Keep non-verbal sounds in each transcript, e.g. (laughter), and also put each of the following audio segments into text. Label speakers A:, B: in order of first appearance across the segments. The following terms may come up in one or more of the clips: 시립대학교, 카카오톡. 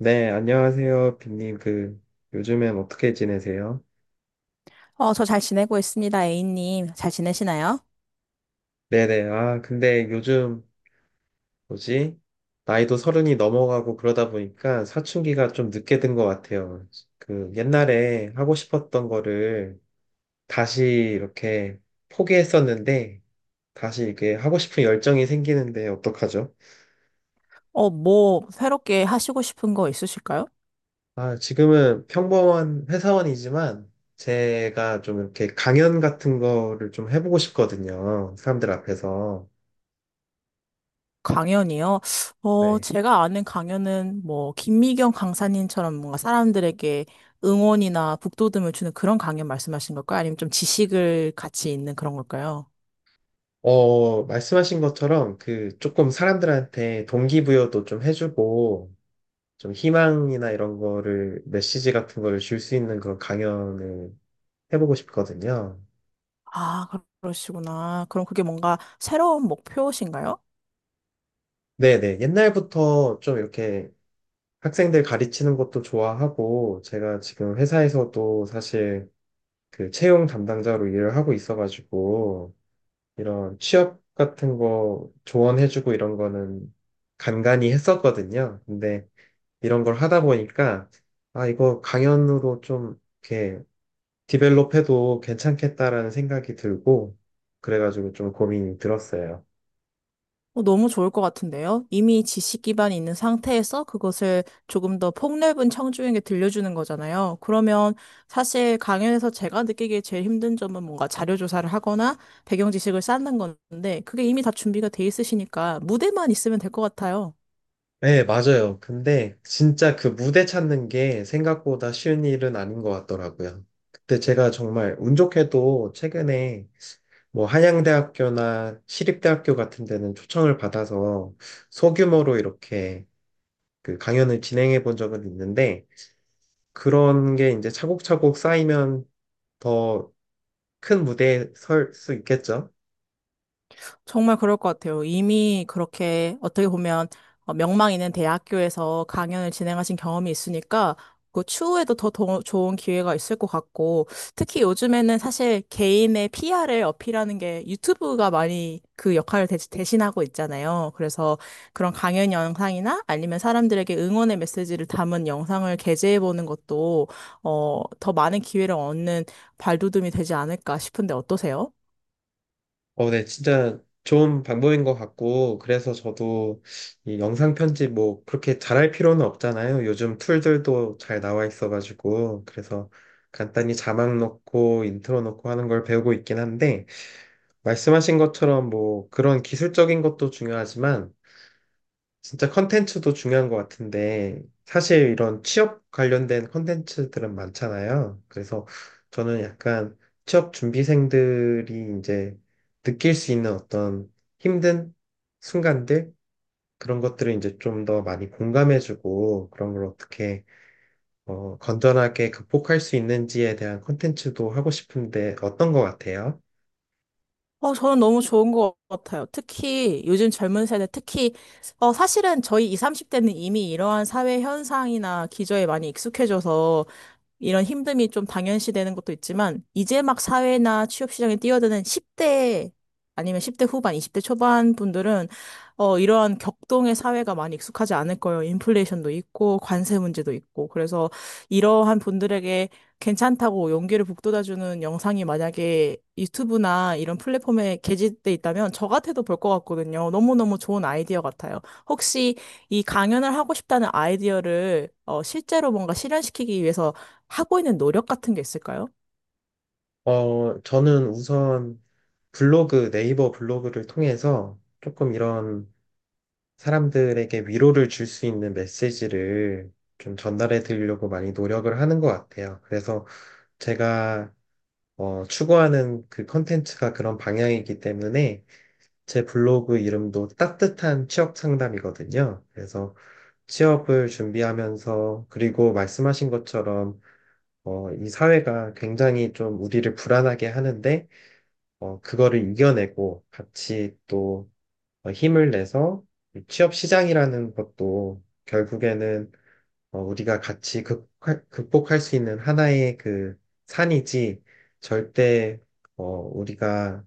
A: 네, 안녕하세요, 빈님. 요즘엔 어떻게 지내세요?
B: 저 잘 지내고 있습니다, A님. 잘 지내시나요?
A: 네네. 아, 근데 요즘, 뭐지? 나이도 서른이 넘어가고 그러다 보니까 사춘기가 좀 늦게 든 것 같아요. 옛날에 하고 싶었던 거를 다시 이렇게 포기했었는데, 다시 이렇게 하고 싶은 열정이 생기는데 어떡하죠?
B: 뭐, 새롭게 하시고 싶은 거 있으실까요?
A: 아, 지금은 평범한 회사원이지만, 제가 좀 이렇게 강연 같은 거를 좀 해보고 싶거든요. 사람들 앞에서.
B: 강연이요?
A: 네.
B: 제가 아는 강연은 뭐, 김미경 강사님처럼 뭔가 사람들에게 응원이나 북돋움을 주는 그런 강연 말씀하신 걸까요? 아니면 좀 지식을 같이 있는 그런 걸까요?
A: 말씀하신 것처럼 조금 사람들한테 동기부여도 좀 해주고 좀 희망이나 이런 거를 메시지 같은 거를 줄 수 있는 그런 강연을 해보고 싶거든요.
B: 아, 그러시구나. 그럼 그게 뭔가 새로운 목표신가요?
A: 네네. 옛날부터 좀 이렇게 학생들 가르치는 것도 좋아하고 제가 지금 회사에서도 사실 채용 담당자로 일을 하고 있어가지고 이런 취업 같은 거 조언해주고 이런 거는 간간히 했었거든요. 근데 이런 걸 하다 보니까, 아, 이거 강연으로 좀 이렇게 디벨롭해도 괜찮겠다라는 생각이 들고, 그래가지고 좀 고민이 들었어요.
B: 너무 좋을 것 같은데요? 이미 지식 기반이 있는 상태에서 그것을 조금 더 폭넓은 청중에게 들려주는 거잖아요. 그러면 사실 강연에서 제가 느끼기에 제일 힘든 점은 뭔가 자료 조사를 하거나 배경 지식을 쌓는 건데 그게 이미 다 준비가 돼 있으시니까 무대만 있으면 될 것 같아요.
A: 네, 맞아요. 근데 진짜 그 무대 찾는 게 생각보다 쉬운 일은 아닌 것 같더라고요. 그때 제가 정말 운 좋게도 최근에 뭐 한양대학교나 시립대학교 같은 데는 초청을 받아서 소규모로 이렇게 그 강연을 진행해 본 적은 있는데 그런 게 이제 차곡차곡 쌓이면 더 큰 무대에 설 수 있겠죠?
B: 정말 그럴 것 같아요. 이미 그렇게 어떻게 보면 명망 있는 대학교에서 강연을 진행하신 경험이 있으니까 그 추후에도 더, 좋은 기회가 있을 것 같고 특히 요즘에는 사실 개인의 PR을 어필하는 게 유튜브가 많이 그 역할을 대신하고 있잖아요. 그래서 그런 강연 영상이나 아니면 사람들에게 응원의 메시지를 담은 영상을 게재해 보는 것도 더 많은 기회를 얻는 발돋움이 되지 않을까 싶은데 어떠세요?
A: 네, 진짜 좋은 방법인 것 같고, 그래서 저도 이 영상 편집 뭐 그렇게 잘할 필요는 없잖아요. 요즘 툴들도 잘 나와 있어가지고, 그래서 간단히 자막 넣고 인트로 넣고 하는 걸 배우고 있긴 한데, 말씀하신 것처럼 뭐 그런 기술적인 것도 중요하지만, 진짜 컨텐츠도 중요한 것 같은데, 사실 이런 취업 관련된 컨텐츠들은 많잖아요. 그래서 저는 약간 취업 준비생들이 이제 느낄 수 있는 어떤 힘든 순간들, 그런 것들을 이제 좀 더 많이 공감해주고, 그런 걸 어떻게, 건전하게 극복할 수 있는지에 대한 컨텐츠도 하고 싶은데, 어떤 것 같아요?
B: 저는 너무 좋은 것 같아요. 특히 요즘 젊은 세대, 특히, 사실은 저희 20, 30대는 이미 이러한 사회 현상이나 기저에 많이 익숙해져서 이런 힘듦이 좀 당연시되는 것도 있지만, 이제 막 사회나 취업시장에 뛰어드는 10대 아니면 10대 후반, 20대 초반 분들은, 이러한 격동의 사회가 많이 익숙하지 않을 거예요. 인플레이션도 있고, 관세 문제도 있고. 그래서 이러한 분들에게 괜찮다고 용기를 북돋아주는 영상이 만약에 유튜브나 이런 플랫폼에 게재돼 있다면 저 같아도 볼 것 같거든요. 너무너무 좋은 아이디어 같아요. 혹시 이 강연을 하고 싶다는 아이디어를 실제로 뭔가 실현시키기 위해서 하고 있는 노력 같은 게 있을까요?
A: 저는 우선 블로그, 네이버 블로그를 통해서 조금 이런 사람들에게 위로를 줄 수 있는 메시지를 좀 전달해 드리려고 많이 노력을 하는 것 같아요. 그래서 제가 추구하는 그 컨텐츠가 그런 방향이기 때문에 제 블로그 이름도 따뜻한 취업 상담이거든요. 그래서 취업을 준비하면서 그리고 말씀하신 것처럼 이 사회가 굉장히 좀 우리를 불안하게 하는데 그거를 이겨내고 같이 또 힘을 내서 취업 시장이라는 것도 결국에는 우리가 같이 극복할 수 있는 하나의 그 산이지, 절대 우리가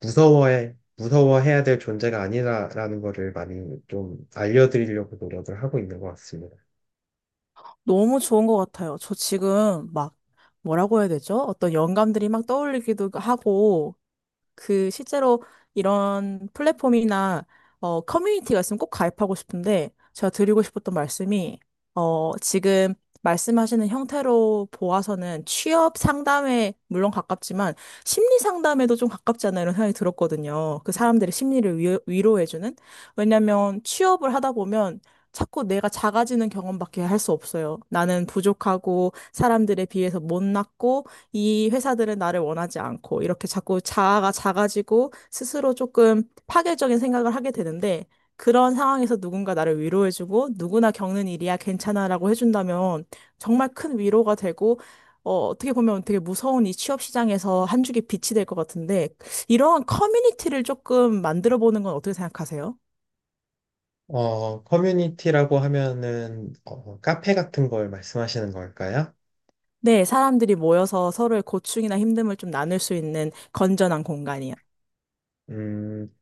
A: 무서워해야 될 존재가 아니라라는 거를 많이 좀 알려드리려고 노력을 하고 있는 것 같습니다.
B: 너무 좋은 것 같아요. 저 지금 막 뭐라고 해야 되죠? 어떤 영감들이 막 떠올리기도 하고 그 실제로 이런 플랫폼이나 커뮤니티가 있으면 꼭 가입하고 싶은데 제가 드리고 싶었던 말씀이 지금 말씀하시는 형태로 보아서는 취업 상담에 물론 가깝지만 심리 상담에도 좀 가깝지 않나 이런 생각이 들었거든요. 그 사람들의 심리를 위로해주는. 왜냐면 취업을 하다 보면 자꾸 내가 작아지는 경험밖에 할 수 없어요. 나는 부족하고 사람들에 비해서 못났고 이 회사들은 나를 원하지 않고 이렇게 자꾸 자아가 작아지고 스스로 조금 파괴적인 생각을 하게 되는데 그런 상황에서 누군가 나를 위로해주고 누구나 겪는 일이야 괜찮아라고 해준다면 정말 큰 위로가 되고 어떻게 보면 되게 무서운 이 취업 시장에서 한 줄기 빛이 될 것 같은데 이러한 커뮤니티를 조금 만들어 보는 건 어떻게 생각하세요?
A: 커뮤니티라고 하면은 카페 같은 걸 말씀하시는 걸까요?
B: 네, 사람들이 모여서 서로의 고충이나 힘듦을 좀 나눌 수 있는 건전한 공간이요.
A: 음,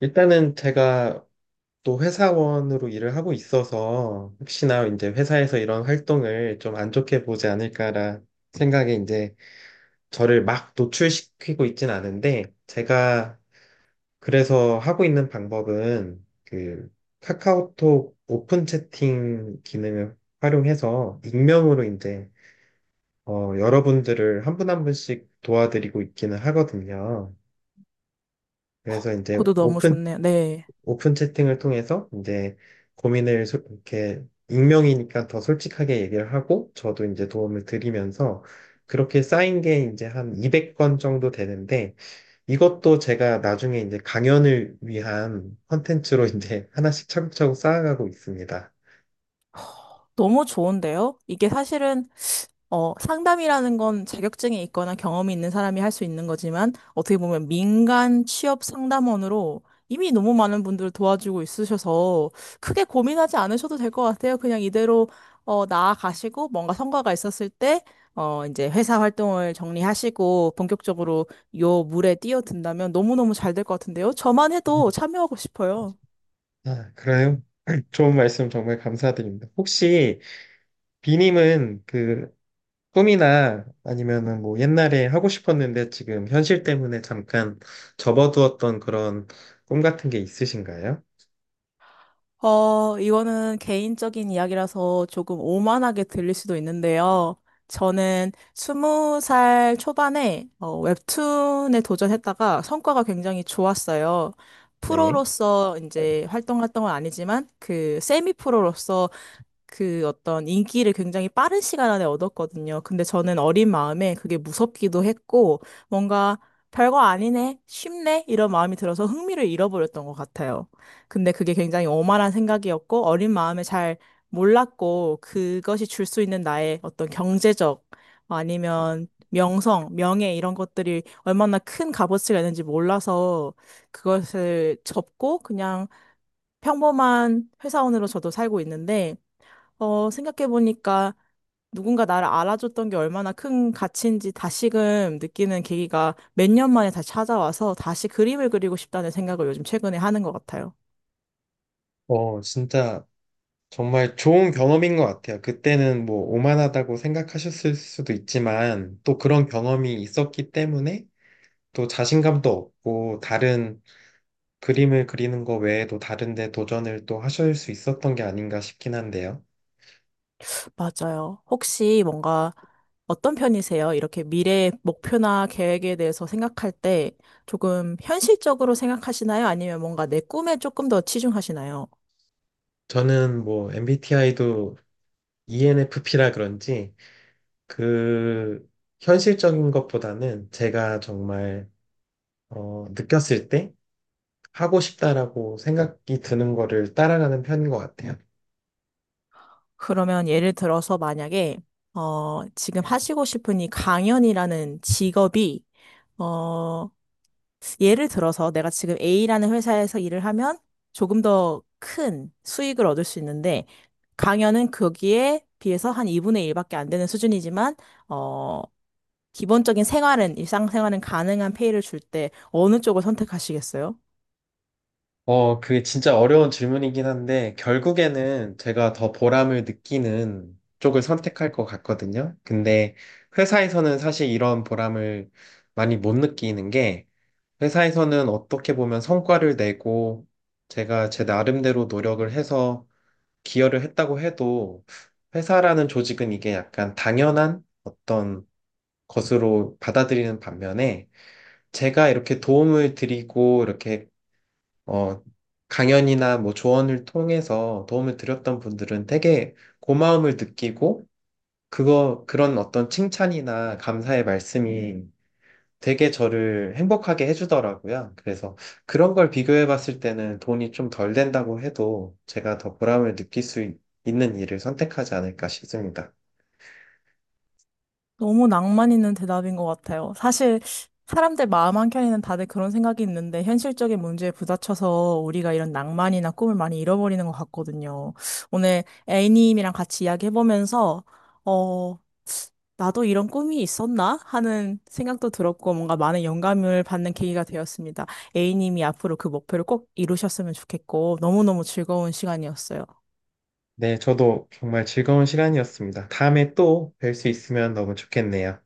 A: 일단은 제가 또 회사원으로 일을 하고 있어서 혹시나 이제 회사에서 이런 활동을 좀 안 좋게 보지 않을까라 생각에 이제 저를 막 노출시키고 있진 않은데, 제가 그래서 하고 있는 방법은 그 카카오톡 오픈 채팅 기능을 활용해서 익명으로 이제 여러분들을 한 분 한 분씩 도와드리고 있기는 하거든요. 그래서 이제
B: 그것도 너무 좋네요. 네.
A: 오픈 채팅을 통해서 이제 고민을 이렇게 익명이니까 더 솔직하게 얘기를 하고 저도 이제 도움을 드리면서, 그렇게 쌓인 게 이제 한 200건 정도 되는데 이것도 제가 나중에 이제 강연을 위한 컨텐츠로 (laughs) 이제 하나씩 차곡차곡 쌓아가고 있습니다.
B: 너무 좋은데요? 이게 사실은 상담이라는 건 자격증이 있거나 경험이 있는 사람이 할 수 있는 거지만 어떻게 보면 민간 취업 상담원으로 이미 너무 많은 분들을 도와주고 있으셔서 크게 고민하지 않으셔도 될 것 같아요. 그냥 이대로 나아가시고 뭔가 성과가 있었을 때 이제 회사 활동을 정리하시고 본격적으로 요 물에 뛰어든다면 너무너무 잘 될 것 같은데요? 저만 해도 참여하고 싶어요.
A: 아, 그래요? (clears throat) 좋은 말씀 정말 감사드립니다. 혹시 비님은 그 꿈이나 아니면은 뭐 옛날에 하고 싶었는데 지금 현실 때문에 잠깐 접어두었던 그런 꿈 같은 게 있으신가요?
B: 이거는 개인적인 이야기라서 조금 오만하게 들릴 수도 있는데요. 저는 20살 초반에 웹툰에 도전했다가 성과가 굉장히 좋았어요.
A: 네.
B: 프로로서 이제 활동했던 건 아니지만 그 세미 프로로서 그 어떤 인기를 굉장히 빠른 시간 안에 얻었거든요. 근데 저는 어린 마음에 그게 무섭기도 했고, 뭔가 별거 아니네, 쉽네, 이런 마음이 들어서 흥미를 잃어버렸던 것 같아요. 근데 그게 굉장히 오만한 생각이었고, 어린 마음에 잘 몰랐고, 그것이 줄 수 있는 나의 어떤 경제적 아니면 명성, 명예 이런 것들이 얼마나 큰 값어치가 있는지 몰라서 그것을 접고 그냥 평범한 회사원으로 저도 살고 있는데, 생각해보니까 누군가 나를 알아줬던 게 얼마나 큰 가치인지 다시금 느끼는 계기가 몇 년 만에 다시 찾아와서 다시 그림을 그리고 싶다는 생각을 요즘 최근에 하는 것 같아요.
A: 진짜 정말 좋은 경험인 것 같아요. 그때는 뭐 오만하다고 생각하셨을 수도 있지만 또 그런 경험이 있었기 때문에 또 자신감도 얻고, 다른 그림을 그리는 거 외에도 다른 데 도전을 또 하실 수 있었던 게 아닌가 싶긴 한데요.
B: 맞아요. 혹시 뭔가 어떤 편이세요? 이렇게 미래의 목표나 계획에 대해서 생각할 때 조금 현실적으로 생각하시나요? 아니면 뭔가 내 꿈에 조금 더 치중하시나요?
A: 저는 뭐 MBTI도 ENFP라 그런지 그 현실적인 것보다는 제가 정말 느꼈을 때 하고 싶다라고 생각이 드는 거를 따라가는 편인 것 같아요.
B: 그러면 예를 들어서 만약에, 지금 하시고 싶은 이 강연이라는 직업이, 어, 예를 들어서 내가 지금 A라는 회사에서 일을 하면 조금 더 큰 수익을 얻을 수 있는데 강연은 거기에 비해서 한 2분의 1밖에 안 되는 수준이지만 어 기본적인 생활은 일상생활은 가능한 페이를 줄 때 어느 쪽을 선택하시겠어요?
A: 그게 진짜 어려운 질문이긴 한데, 결국에는 제가 더 보람을 느끼는 쪽을 선택할 것 같거든요. 근데 회사에서는 사실 이런 보람을 많이 못 느끼는 게, 회사에서는 어떻게 보면 성과를 내고 제가 제 나름대로 노력을 해서 기여를 했다고 해도 회사라는 조직은 이게 약간 당연한 어떤 것으로 받아들이는 반면에, 제가 이렇게 도움을 드리고 이렇게 어 강연이나 뭐 조언을 통해서 도움을 드렸던 분들은 되게 고마움을 느끼고, 그거 그런 어떤 칭찬이나 감사의 말씀이 되게 저를 행복하게 해주더라고요. 그래서 그런 걸 비교해 봤을 때는 돈이 좀 덜 된다고 해도 제가 더 보람을 느낄 수 있는 일을 선택하지 않을까 싶습니다.
B: 너무 낭만 있는 대답인 것 같아요. 사실 사람들 마음 한켠에는 다들 그런 생각이 있는데 현실적인 문제에 부딪혀서 우리가 이런 낭만이나 꿈을 많이 잃어버리는 것 같거든요. 오늘 A님이랑 같이 이야기해보면서 어, 나도 이런 꿈이 있었나? 하는 생각도 들었고 뭔가 많은 영감을 받는 계기가 되었습니다. A님이 앞으로 그 목표를 꼭 이루셨으면 좋겠고 너무너무 즐거운 시간이었어요.
A: 네, 저도 정말 즐거운 시간이었습니다. 다음에 또 뵐 수 있으면 너무 좋겠네요.